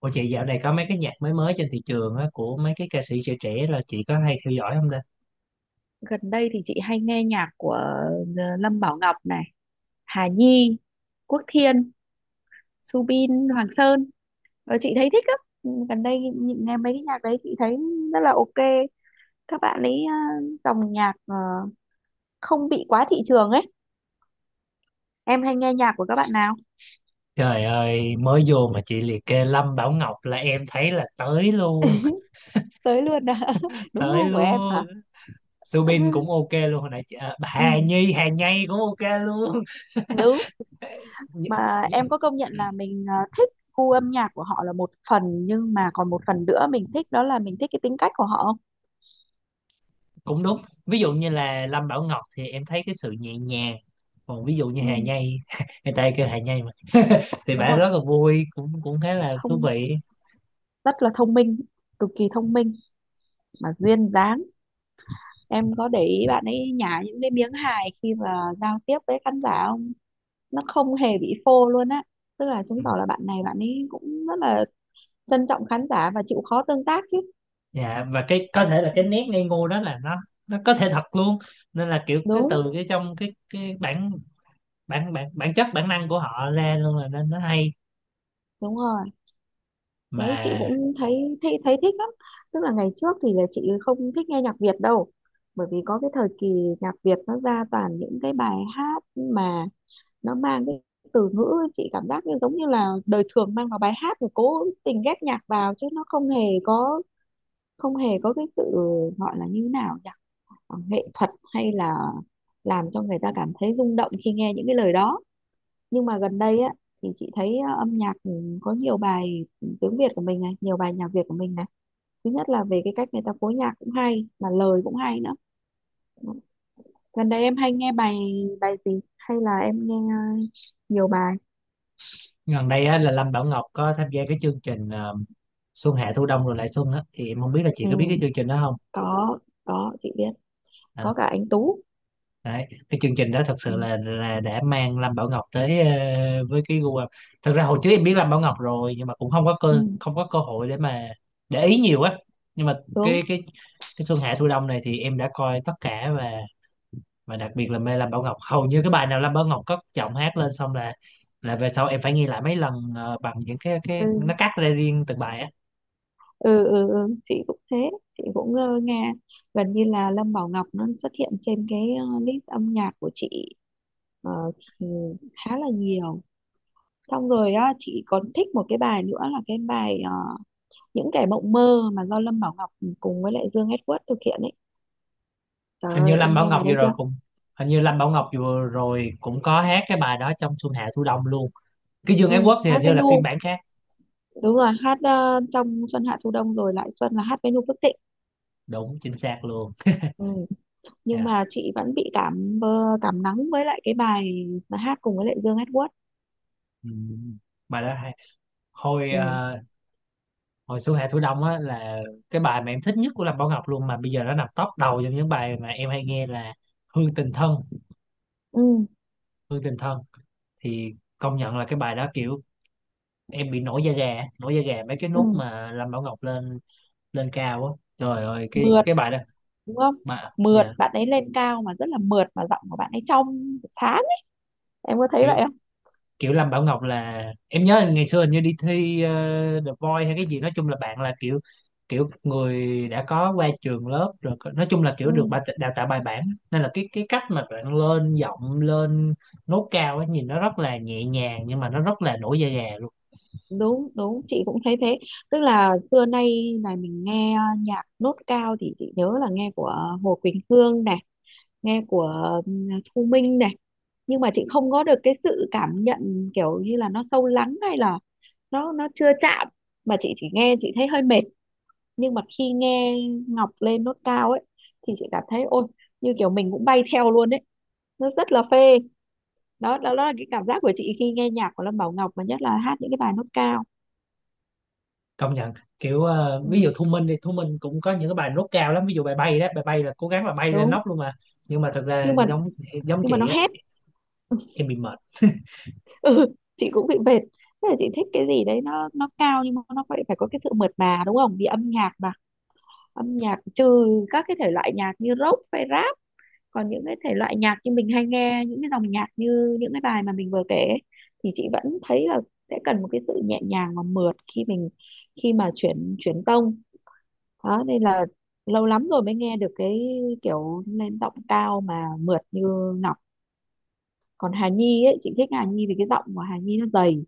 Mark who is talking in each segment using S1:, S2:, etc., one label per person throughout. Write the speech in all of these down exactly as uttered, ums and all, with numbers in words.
S1: Ủa chị dạo này có mấy cái nhạc mới mới trên thị trường á, của mấy cái ca sĩ trẻ trẻ là chị có hay theo dõi không ta?
S2: Gần đây thì chị hay nghe nhạc của ờ, Lâm Bảo Ngọc này, Hà Nhi, Quốc Thiên, Subin Hoàng Sơn. Ờ, chị thấy thích lắm. Ừ, Gần đây nhìn- nghe mấy cái nhạc đấy chị thấy rất là ok. Các bạn ấy ờ, dòng nhạc ờ, không bị quá thị trường ấy. Em hay nghe nhạc của các bạn nào?
S1: Trời ơi, mới vô mà chị liệt kê Lâm Bảo Ngọc là em thấy là tới luôn,
S2: Tới luôn à? Đúng
S1: tới
S2: gu của em hả?
S1: luôn. Subin cũng ok luôn, hồi nãy chị, à, Hà
S2: Ừ,
S1: Nhi, Hà Nhi cũng ok luôn.
S2: đúng.
S1: Nh-
S2: Mà em
S1: nh-
S2: có công nhận là mình ờ, thích gu âm nhạc của họ là một phần nhưng mà còn một phần nữa mình thích đó là mình thích cái tính cách của họ không?
S1: Cũng đúng. Ví dụ như là Lâm Bảo Ngọc thì em thấy cái sự nhẹ nhàng. Còn ví dụ như
S2: Ừ,
S1: Hà Nhi, người ta kêu Hà Nhi mà, thì
S2: đúng
S1: bả
S2: rồi.
S1: rất là vui, cũng cũng khá là thú
S2: thông
S1: vị.
S2: Rất là thông minh, cực kỳ thông minh mà duyên dáng. Em có để ý bạn ấy nhả những cái miếng hài khi mà giao tiếp với khán giả không? Nó không hề bị phô luôn á. Tức là
S1: Ừ.
S2: chứng tỏ là bạn này bạn ấy cũng rất là trân trọng khán giả và chịu khó tương tác chứ.
S1: Dạ, và cái có thể là cái nét ngây ngô đó là nó nó có thể thật luôn, nên là kiểu cái
S2: Đúng,
S1: từ cái trong cái cái bản bản bản bản chất bản năng của họ ra luôn, là nên nó hay
S2: đúng rồi. Đấy, chị
S1: mà.
S2: cũng thấy thấy thấy thích lắm. Tức là ngày trước thì là chị không thích nghe nhạc Việt đâu, bởi vì có cái thời kỳ nhạc Việt nó ra toàn những cái bài hát mà nó mang cái từ ngữ chị cảm giác như giống như là đời thường mang vào bài hát rồi cố tình ghép nhạc vào chứ nó không hề có, không hề có cái sự gọi là như thế nào nhỉ, Ờ, nghệ thuật, hay là làm cho người ta cảm thấy rung động khi nghe những cái lời đó. Nhưng mà gần đây á thì chị thấy ờ, âm nhạc ừ, có nhiều bài tiếng Việt của mình này, nhiều bài nhạc Việt của mình này, thứ nhất là về cái cách người ta phối nhạc cũng hay mà lời cũng hay nữa. Gần đây em hay nghe bài bài gì hay là em nghe ờ, nhiều bài.
S1: Gần đây á, là Lâm Bảo Ngọc có tham gia cái chương trình ờ, Xuân Hạ Thu Đông rồi lại Xuân á, thì em không biết là chị
S2: Ừ,
S1: có biết cái chương trình đó không.
S2: có có chị biết.
S1: À,
S2: Có cả anh Tú.
S1: đấy, cái chương trình đó thật sự
S2: Ừ,
S1: là là đã mang Lâm Bảo Ngọc tới ờ, với cái gu âm. Thật ra hồi trước em biết Lâm Bảo Ngọc rồi, nhưng mà cũng không có cơ
S2: ừ,
S1: không có cơ hội để mà để ý nhiều á. Nhưng mà
S2: đúng.
S1: cái cái cái Xuân Hạ Thu Đông này thì em đã coi tất cả, và và đặc biệt là mê Lâm Bảo Ngọc. Hầu như cái bài nào Lâm Bảo Ngọc cất giọng hát lên xong là là về sau em phải nghe lại mấy lần ờ, bằng những cái cái
S2: Ừ.
S1: nó cắt ra riêng từng bài á.
S2: Ừ, ừ, ừ, chị cũng thế. Chị cũng ờ, nghe gần như là Lâm Bảo Ngọc nó xuất hiện trên cái ờ, list âm nhạc của chị ờ, ừ, khá là nhiều. Xong rồi á chị còn thích một cái bài nữa là cái bài ờ, Những Kẻ Mộng Mơ mà do Lâm Bảo Ngọc cùng với lại Dương Edward thực hiện ấy. Trời
S1: Hình như
S2: ơi, em
S1: Lâm Bảo
S2: nghe
S1: Ngọc
S2: bài
S1: vừa
S2: đây
S1: rồi
S2: chưa?
S1: cũng Hình như Lâm Bảo Ngọc vừa rồi cũng có hát cái bài đó trong Xuân Hạ Thu Đông luôn. Cái Dương Ái
S2: Ừ,
S1: Quốc thì
S2: hát
S1: hình
S2: với
S1: như là phiên
S2: Nu.
S1: bản khác.
S2: Đúng rồi, hát ờ, trong Xuân Hạ Thu Đông Rồi Lại Xuân là hát với Nu Phước Thịnh.
S1: Đúng, chính xác luôn.
S2: Ừ. Nhưng
S1: Dạ.
S2: mà chị vẫn bị cảm mơ cảm nắng với lại cái bài mà hát cùng với lại Dương Edward.
S1: Ừ. Bài đó hay. hồi
S2: Ừ.
S1: ờ, Hồi Xuân Hạ Thu Đông á là cái bài mà em thích nhất của Lâm Bảo Ngọc luôn, mà bây giờ nó nằm top đầu trong những bài mà em hay nghe là Hương Tình Thân.
S2: Ừ.
S1: Hương Tình Thân thì công nhận là cái bài đó kiểu em bị nổi da gà, nổi da gà mấy cái
S2: Ừ.
S1: nốt mà Lâm Bảo Ngọc lên lên cao á. Trời ơi, cái
S2: Mượt,
S1: cái bài đó
S2: đúng không?
S1: mà.
S2: Mượt,
S1: Dạ,
S2: bạn ấy lên cao mà rất là mượt mà giọng của bạn ấy trong sáng ấy. Em có thấy vậy
S1: kiểu
S2: không?
S1: kiểu Lâm Bảo Ngọc là em nhớ ngày xưa hình như đi thi ờ, The Voice hay cái gì. Nói chung là bạn là kiểu kiểu người đã có qua trường lớp rồi, có- nói chung là
S2: Ừ.
S1: kiểu được bà- đào tạo bài bản, nên là cái cái cách mà bạn lên giọng, lên nốt cao ấy, nhìn nó rất là nhẹ nhàng nhưng mà nó rất là nổi da gà luôn.
S2: Đúng, đúng, chị cũng thấy thế. Tức là xưa nay này mình nghe nhạc nốt cao thì chị nhớ là nghe của Hồ Quỳnh Hương này, nghe của ừ, Thu Minh này. Nhưng mà chị không có được cái sự cảm nhận kiểu như là nó sâu lắng hay là nó nó chưa chạm, mà chị chỉ nghe chị thấy hơi mệt. Nhưng mà khi nghe Ngọc lên nốt cao ấy thì chị cảm thấy ôi, như kiểu mình cũng bay theo luôn ấy, nó rất là phê. Đó đó, đó là cái cảm giác của chị khi nghe nhạc của Lâm Bảo Ngọc mà nhất là hát những cái bài nốt cao.
S1: Công nhận, kiểu ờ,
S2: Ừ,
S1: ví dụ Thu Minh đi, Thu Minh cũng có những cái bài nốt cao lắm, ví dụ bài bay đó, bài bay là cố gắng là bay lên
S2: đúng.
S1: nóc luôn mà, nhưng mà thật ra
S2: Nhưng mà
S1: giống giống
S2: nhưng mà
S1: chị
S2: nó
S1: á,
S2: hét.
S1: em bị mệt.
S2: Ừ, chị cũng bị mệt. Thế là chị thích cái gì đấy nó nó cao nhưng mà nó phải phải có cái sự mượt mà, đúng không? Vì âm nhạc mà, âm nhạc trừ các cái thể loại nhạc như rock hay rap. Còn những cái thể loại nhạc như mình hay nghe, những cái dòng nhạc như những cái bài mà mình vừa kể ấy, thì chị vẫn thấy là sẽ cần một cái sự nhẹ nhàng và mượt khi mình khi mà chuyển chuyển tông đó, nên là lâu lắm rồi mới nghe được cái kiểu lên giọng cao mà mượt như Ngọc. Còn Hà Nhi ấy chị thích Hà Nhi vì cái giọng của Hà Nhi nó dày,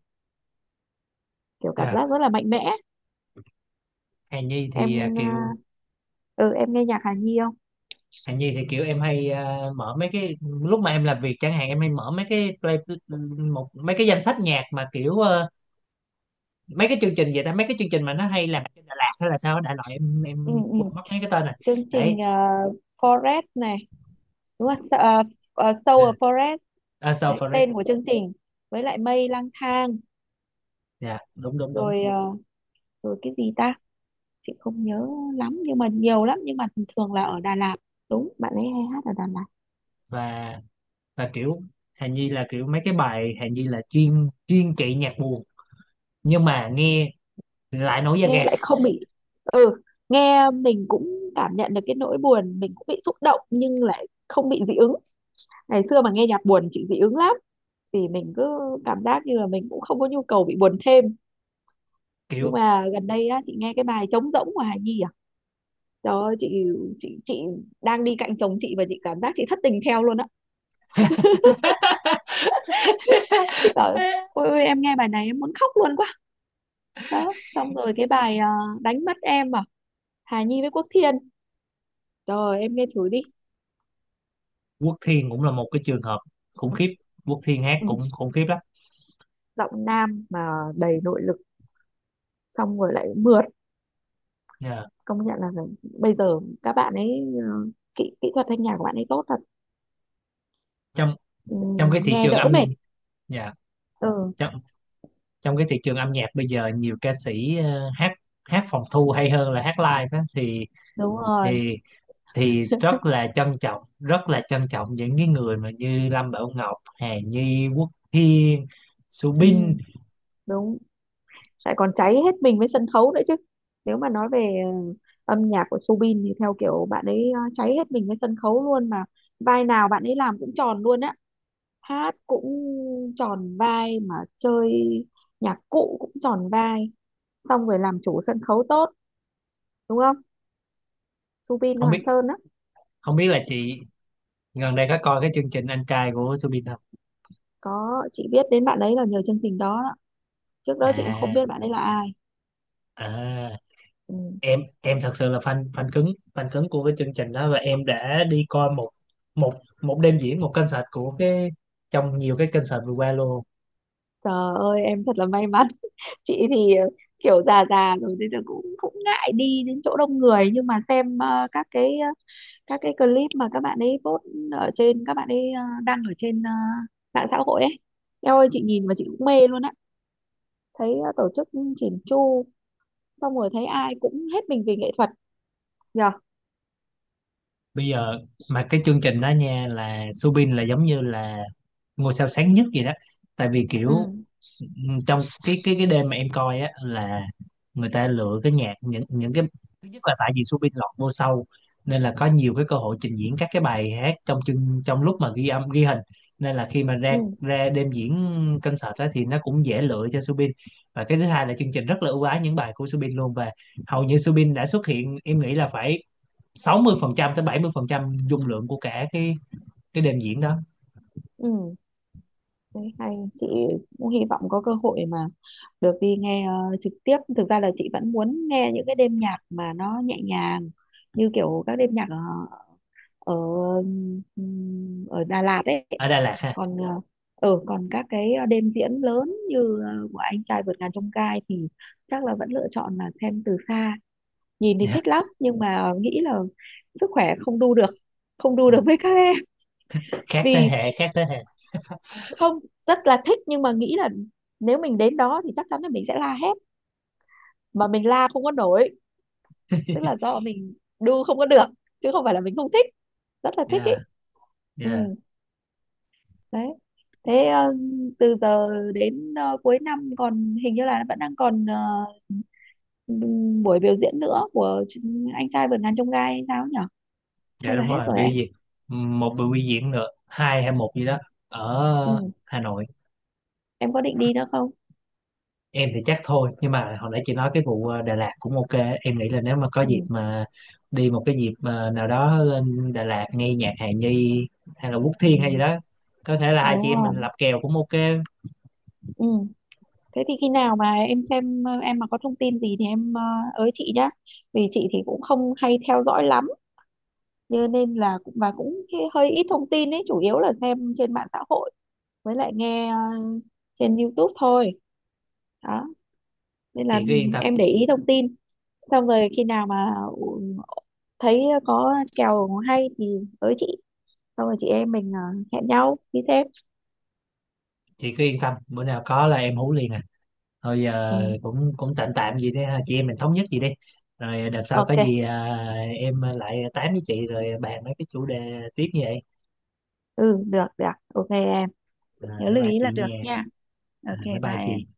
S2: kiểu cảm
S1: Dạ.
S2: giác rất là mạnh mẽ.
S1: Hà Nhi thì à,
S2: em ờ,
S1: kiểu
S2: ừ em nghe nhạc Hà Nhi không?
S1: Hạnh Nhi thì kiểu em hay à, mở mấy cái lúc mà em làm việc chẳng hạn, em hay mở mấy cái play một mấy cái danh sách nhạc mà kiểu ờ, mấy cái chương trình vậy ta, mấy cái chương trình mà nó hay làm trên Đà Lạt hay là sao á, đại loại em
S2: Ừ,
S1: em
S2: ừ.
S1: quên mất mấy cái tên này.
S2: Chương trình
S1: Đấy,
S2: uh, Forest này, đúng không? Uh, Soul of Forest.
S1: uh, So
S2: Đấy,
S1: For It.
S2: tên của chương trình, với lại Mây Lang Thang.
S1: Dạ, đúng đúng đúng.
S2: Rồi ờ, rồi cái gì ta, chị không nhớ lắm nhưng mà nhiều lắm, nhưng mà thường là ở Đà Lạt. Đúng, bạn ấy hay hát ở Đà Lạt.
S1: Và và kiểu Hạnh Nhi là kiểu mấy cái bài Hạnh Nhi là chuyên chuyên trị nhạc buồn, nhưng mà nghe lại nổi da
S2: Nghe
S1: gà
S2: lại không bị. Ừ, nghe mình cũng cảm nhận được cái nỗi buồn, mình cũng bị xúc động nhưng lại không bị dị ứng. Ngày xưa mà nghe nhạc buồn chị dị ứng lắm, thì mình cứ cảm giác như là mình cũng không có nhu cầu bị buồn thêm. Nhưng
S1: kiểu.
S2: mà gần đây á chị nghe cái bài Trống Rỗng của Hà Nhi à, trời ơi, chị chị chị đang đi cạnh chồng chị và chị cảm giác chị thất tình theo luôn á. Chị bảo ôi, ôi em nghe bài này em muốn khóc luôn quá. Đó, xong rồi cái bài à, Đánh Mất Em à, Hà Nhi với Quốc Thiên, rồi em nghe thử đi.
S1: Quốc Thiên cũng là một cái trường hợp khủng
S2: Ừ.
S1: khiếp. Quốc Thiên hát
S2: Ừ,
S1: cũng khủng khiếp lắm.
S2: giọng nam mà đầy nội lực, xong rồi lại mượt.
S1: Dạ,
S2: Công nhận là phải- bây giờ các bạn ấy ờ, kỹ kỹ thuật thanh nhạc của bạn ấy tốt thật.
S1: trong
S2: Ừ,
S1: trong cái thị
S2: nghe
S1: trường
S2: đỡ mệt.
S1: âm. Dạ,
S2: Ừ,
S1: trong trong cái thị trường âm nhạc bây giờ nhiều ca sĩ ờ, hát, hát phòng thu hay hơn là hát live đó, thì
S2: đúng rồi.
S1: thì thì rất là trân trọng, rất là trân trọng những cái người mà như Lâm Bảo Ngọc, Hà Nhi, Quốc Thiên,
S2: Ừ,
S1: Subin.
S2: đúng. Lại còn cháy hết mình với sân khấu nữa chứ. Nếu mà nói về ờ, âm nhạc của Soobin thì theo kiểu bạn ấy ờ, cháy hết mình với sân khấu luôn mà, vai nào bạn ấy làm cũng tròn luôn á. Hát cũng tròn vai mà chơi nhạc cụ cũng tròn vai, xong rồi làm chủ sân khấu tốt, đúng không? Soobin
S1: không
S2: Hoàng
S1: biết
S2: Sơn á.
S1: Không biết là chị gần đây có coi cái chương trình anh trai của Subin không?
S2: Có, chị biết đến bạn ấy là nhờ chương trình đó, đó. Trước đó chị cũng không biết
S1: À.
S2: bạn ấy là ai.
S1: À,
S2: Ừ.
S1: em em thật sự là fan fan cứng, fan cứng của cái chương trình đó, và em đã đi coi một một một đêm diễn, một concert của cái trong nhiều cái concert vừa qua luôn.
S2: Trời ơi em thật là may mắn. Chị thì ờ, kiểu già già rồi nên là cũng cũng ngại đi đến chỗ đông người, nhưng mà xem ờ, các cái ờ, các cái clip mà các bạn ấy post ở trên, các bạn ấy ờ, đăng ở trên ờ, mạng xã hội ấy. Em ơi, chị nhìn mà chị cũng mê luôn á. Thấy ờ, tổ chức chỉn chu, xong rồi thấy ai cũng hết mình vì nghệ thuật. Nhờ.
S1: Bây giờ mà cái chương trình đó nha, là Subin là giống như là ngôi sao sáng nhất gì đó, tại vì kiểu
S2: Ừ,
S1: ừm, trong cái cái cái đêm mà em coi á, là người ta lựa cái nhạc, những những cái thứ nhất là tại vì Subin lọt vô sau, nên là có nhiều cái cơ hội trình diễn các cái bài hát trong chương, trong lúc mà ghi âm ghi hình, nên là khi mà ra
S2: ừ,
S1: ra đêm diễn concert đó thì nó cũng dễ lựa cho Subin. Và cái thứ hai là chương trình rất là ưu ái những bài của Subin luôn, và hầu như Subin đã xuất hiện em nghĩ là phải sáu mươi phần trăm tới bảy mươi phần trăm dung lượng của cả cái cái đêm diễn đó.
S2: ừ. Đấy, hay. Chị cũng hy vọng có cơ hội mà được đi nghe ờ, trực tiếp. Thực ra là chị vẫn muốn nghe những cái đêm nhạc mà nó nhẹ nhàng, như kiểu các đêm nhạc ờ, ở ừm, ở Đà Lạt ấy.
S1: Ở Đà Lạt ha.
S2: Còn ờ, ở Còn các cái đêm diễn lớn như ờ, của Anh Trai Vượt Ngàn Chông Gai thì chắc là vẫn lựa chọn là xem từ xa. Nhìn thì
S1: Dạ.
S2: thích lắm nhưng mà nghĩ là sức khỏe không đu được, không đu
S1: Ừ,
S2: được với các em.
S1: khác thế
S2: Vì
S1: hệ, khác thế hệ.
S2: không, rất là thích nhưng mà nghĩ là nếu mình đến đó thì chắc chắn là mình sẽ la hét mà mình la không có nổi. Tức là do mình đu không có được chứ không phải là mình không thích, rất là thích ý.
S1: Dạ,
S2: Ừ,
S1: dạ,
S2: đấy. Thế ờ, từ giờ đến ờ, cuối năm còn hình như là vẫn đang còn ờ, ừm, buổi biểu diễn nữa của ch- Anh Trai Vượt Ngàn Chông Gai hay sao nhỉ,
S1: dạ,
S2: hay là
S1: đúng
S2: hết
S1: rồi,
S2: rồi
S1: biểu
S2: em?
S1: diễn một buổi biểu diễn nữa, hai hay một gì đó, ở
S2: Ừ,
S1: Hà Nội.
S2: em có định đi nữa không?
S1: Em thì chắc thôi, nhưng mà hồi nãy chị nói cái vụ ờ, Đà Lạt cũng ok. Em nghĩ là nếu mà có
S2: Ừ,
S1: dịp mà đi một cái dịp mà nào đó lên Đà Lạt nghe nhạc Hà Nhi, hay là Quốc
S2: ừ,
S1: Thiên hay gì đó, có thể là hai chị
S2: đúng
S1: em mình
S2: rồi.
S1: lập kèo cũng ok.
S2: Ừ. Thế thì khi nào mà em xem ờ, em mà có thông tin gì thì em ờ, ới chị nhá. Vì chị thì cũng không hay theo dõi lắm, cho nên là cũng và cũng hi- hơi ít thông tin ấy, chủ yếu là xem trên mạng xã hội với lại nghe ờ, trên YouTube thôi. Đó, nên là
S1: Chị cứ yên tâm,
S2: em để ý thông tin. Xong rồi khi nào mà ừ, thấy có kèo hay thì ới chị, xong rồi chị em mình ờ, hẹn nhau đi xem.
S1: chị cứ yên tâm, bữa nào có là em hú liền. Thôi giờ
S2: Ừ,
S1: cũng cũng tạm tạm vậy đi ha, chị em mình thống nhất gì đi, rồi đợt sau có
S2: ok.
S1: gì à, em lại tám với chị rồi bàn mấy cái chủ đề tiếp như vậy.
S2: Ừ, được được. Ok em,
S1: À,
S2: nhớ
S1: bye
S2: lưu
S1: bye
S2: ý là
S1: chị nha.
S2: được nha.
S1: À,
S2: Ok,
S1: bye
S2: bye
S1: bye chị.
S2: em.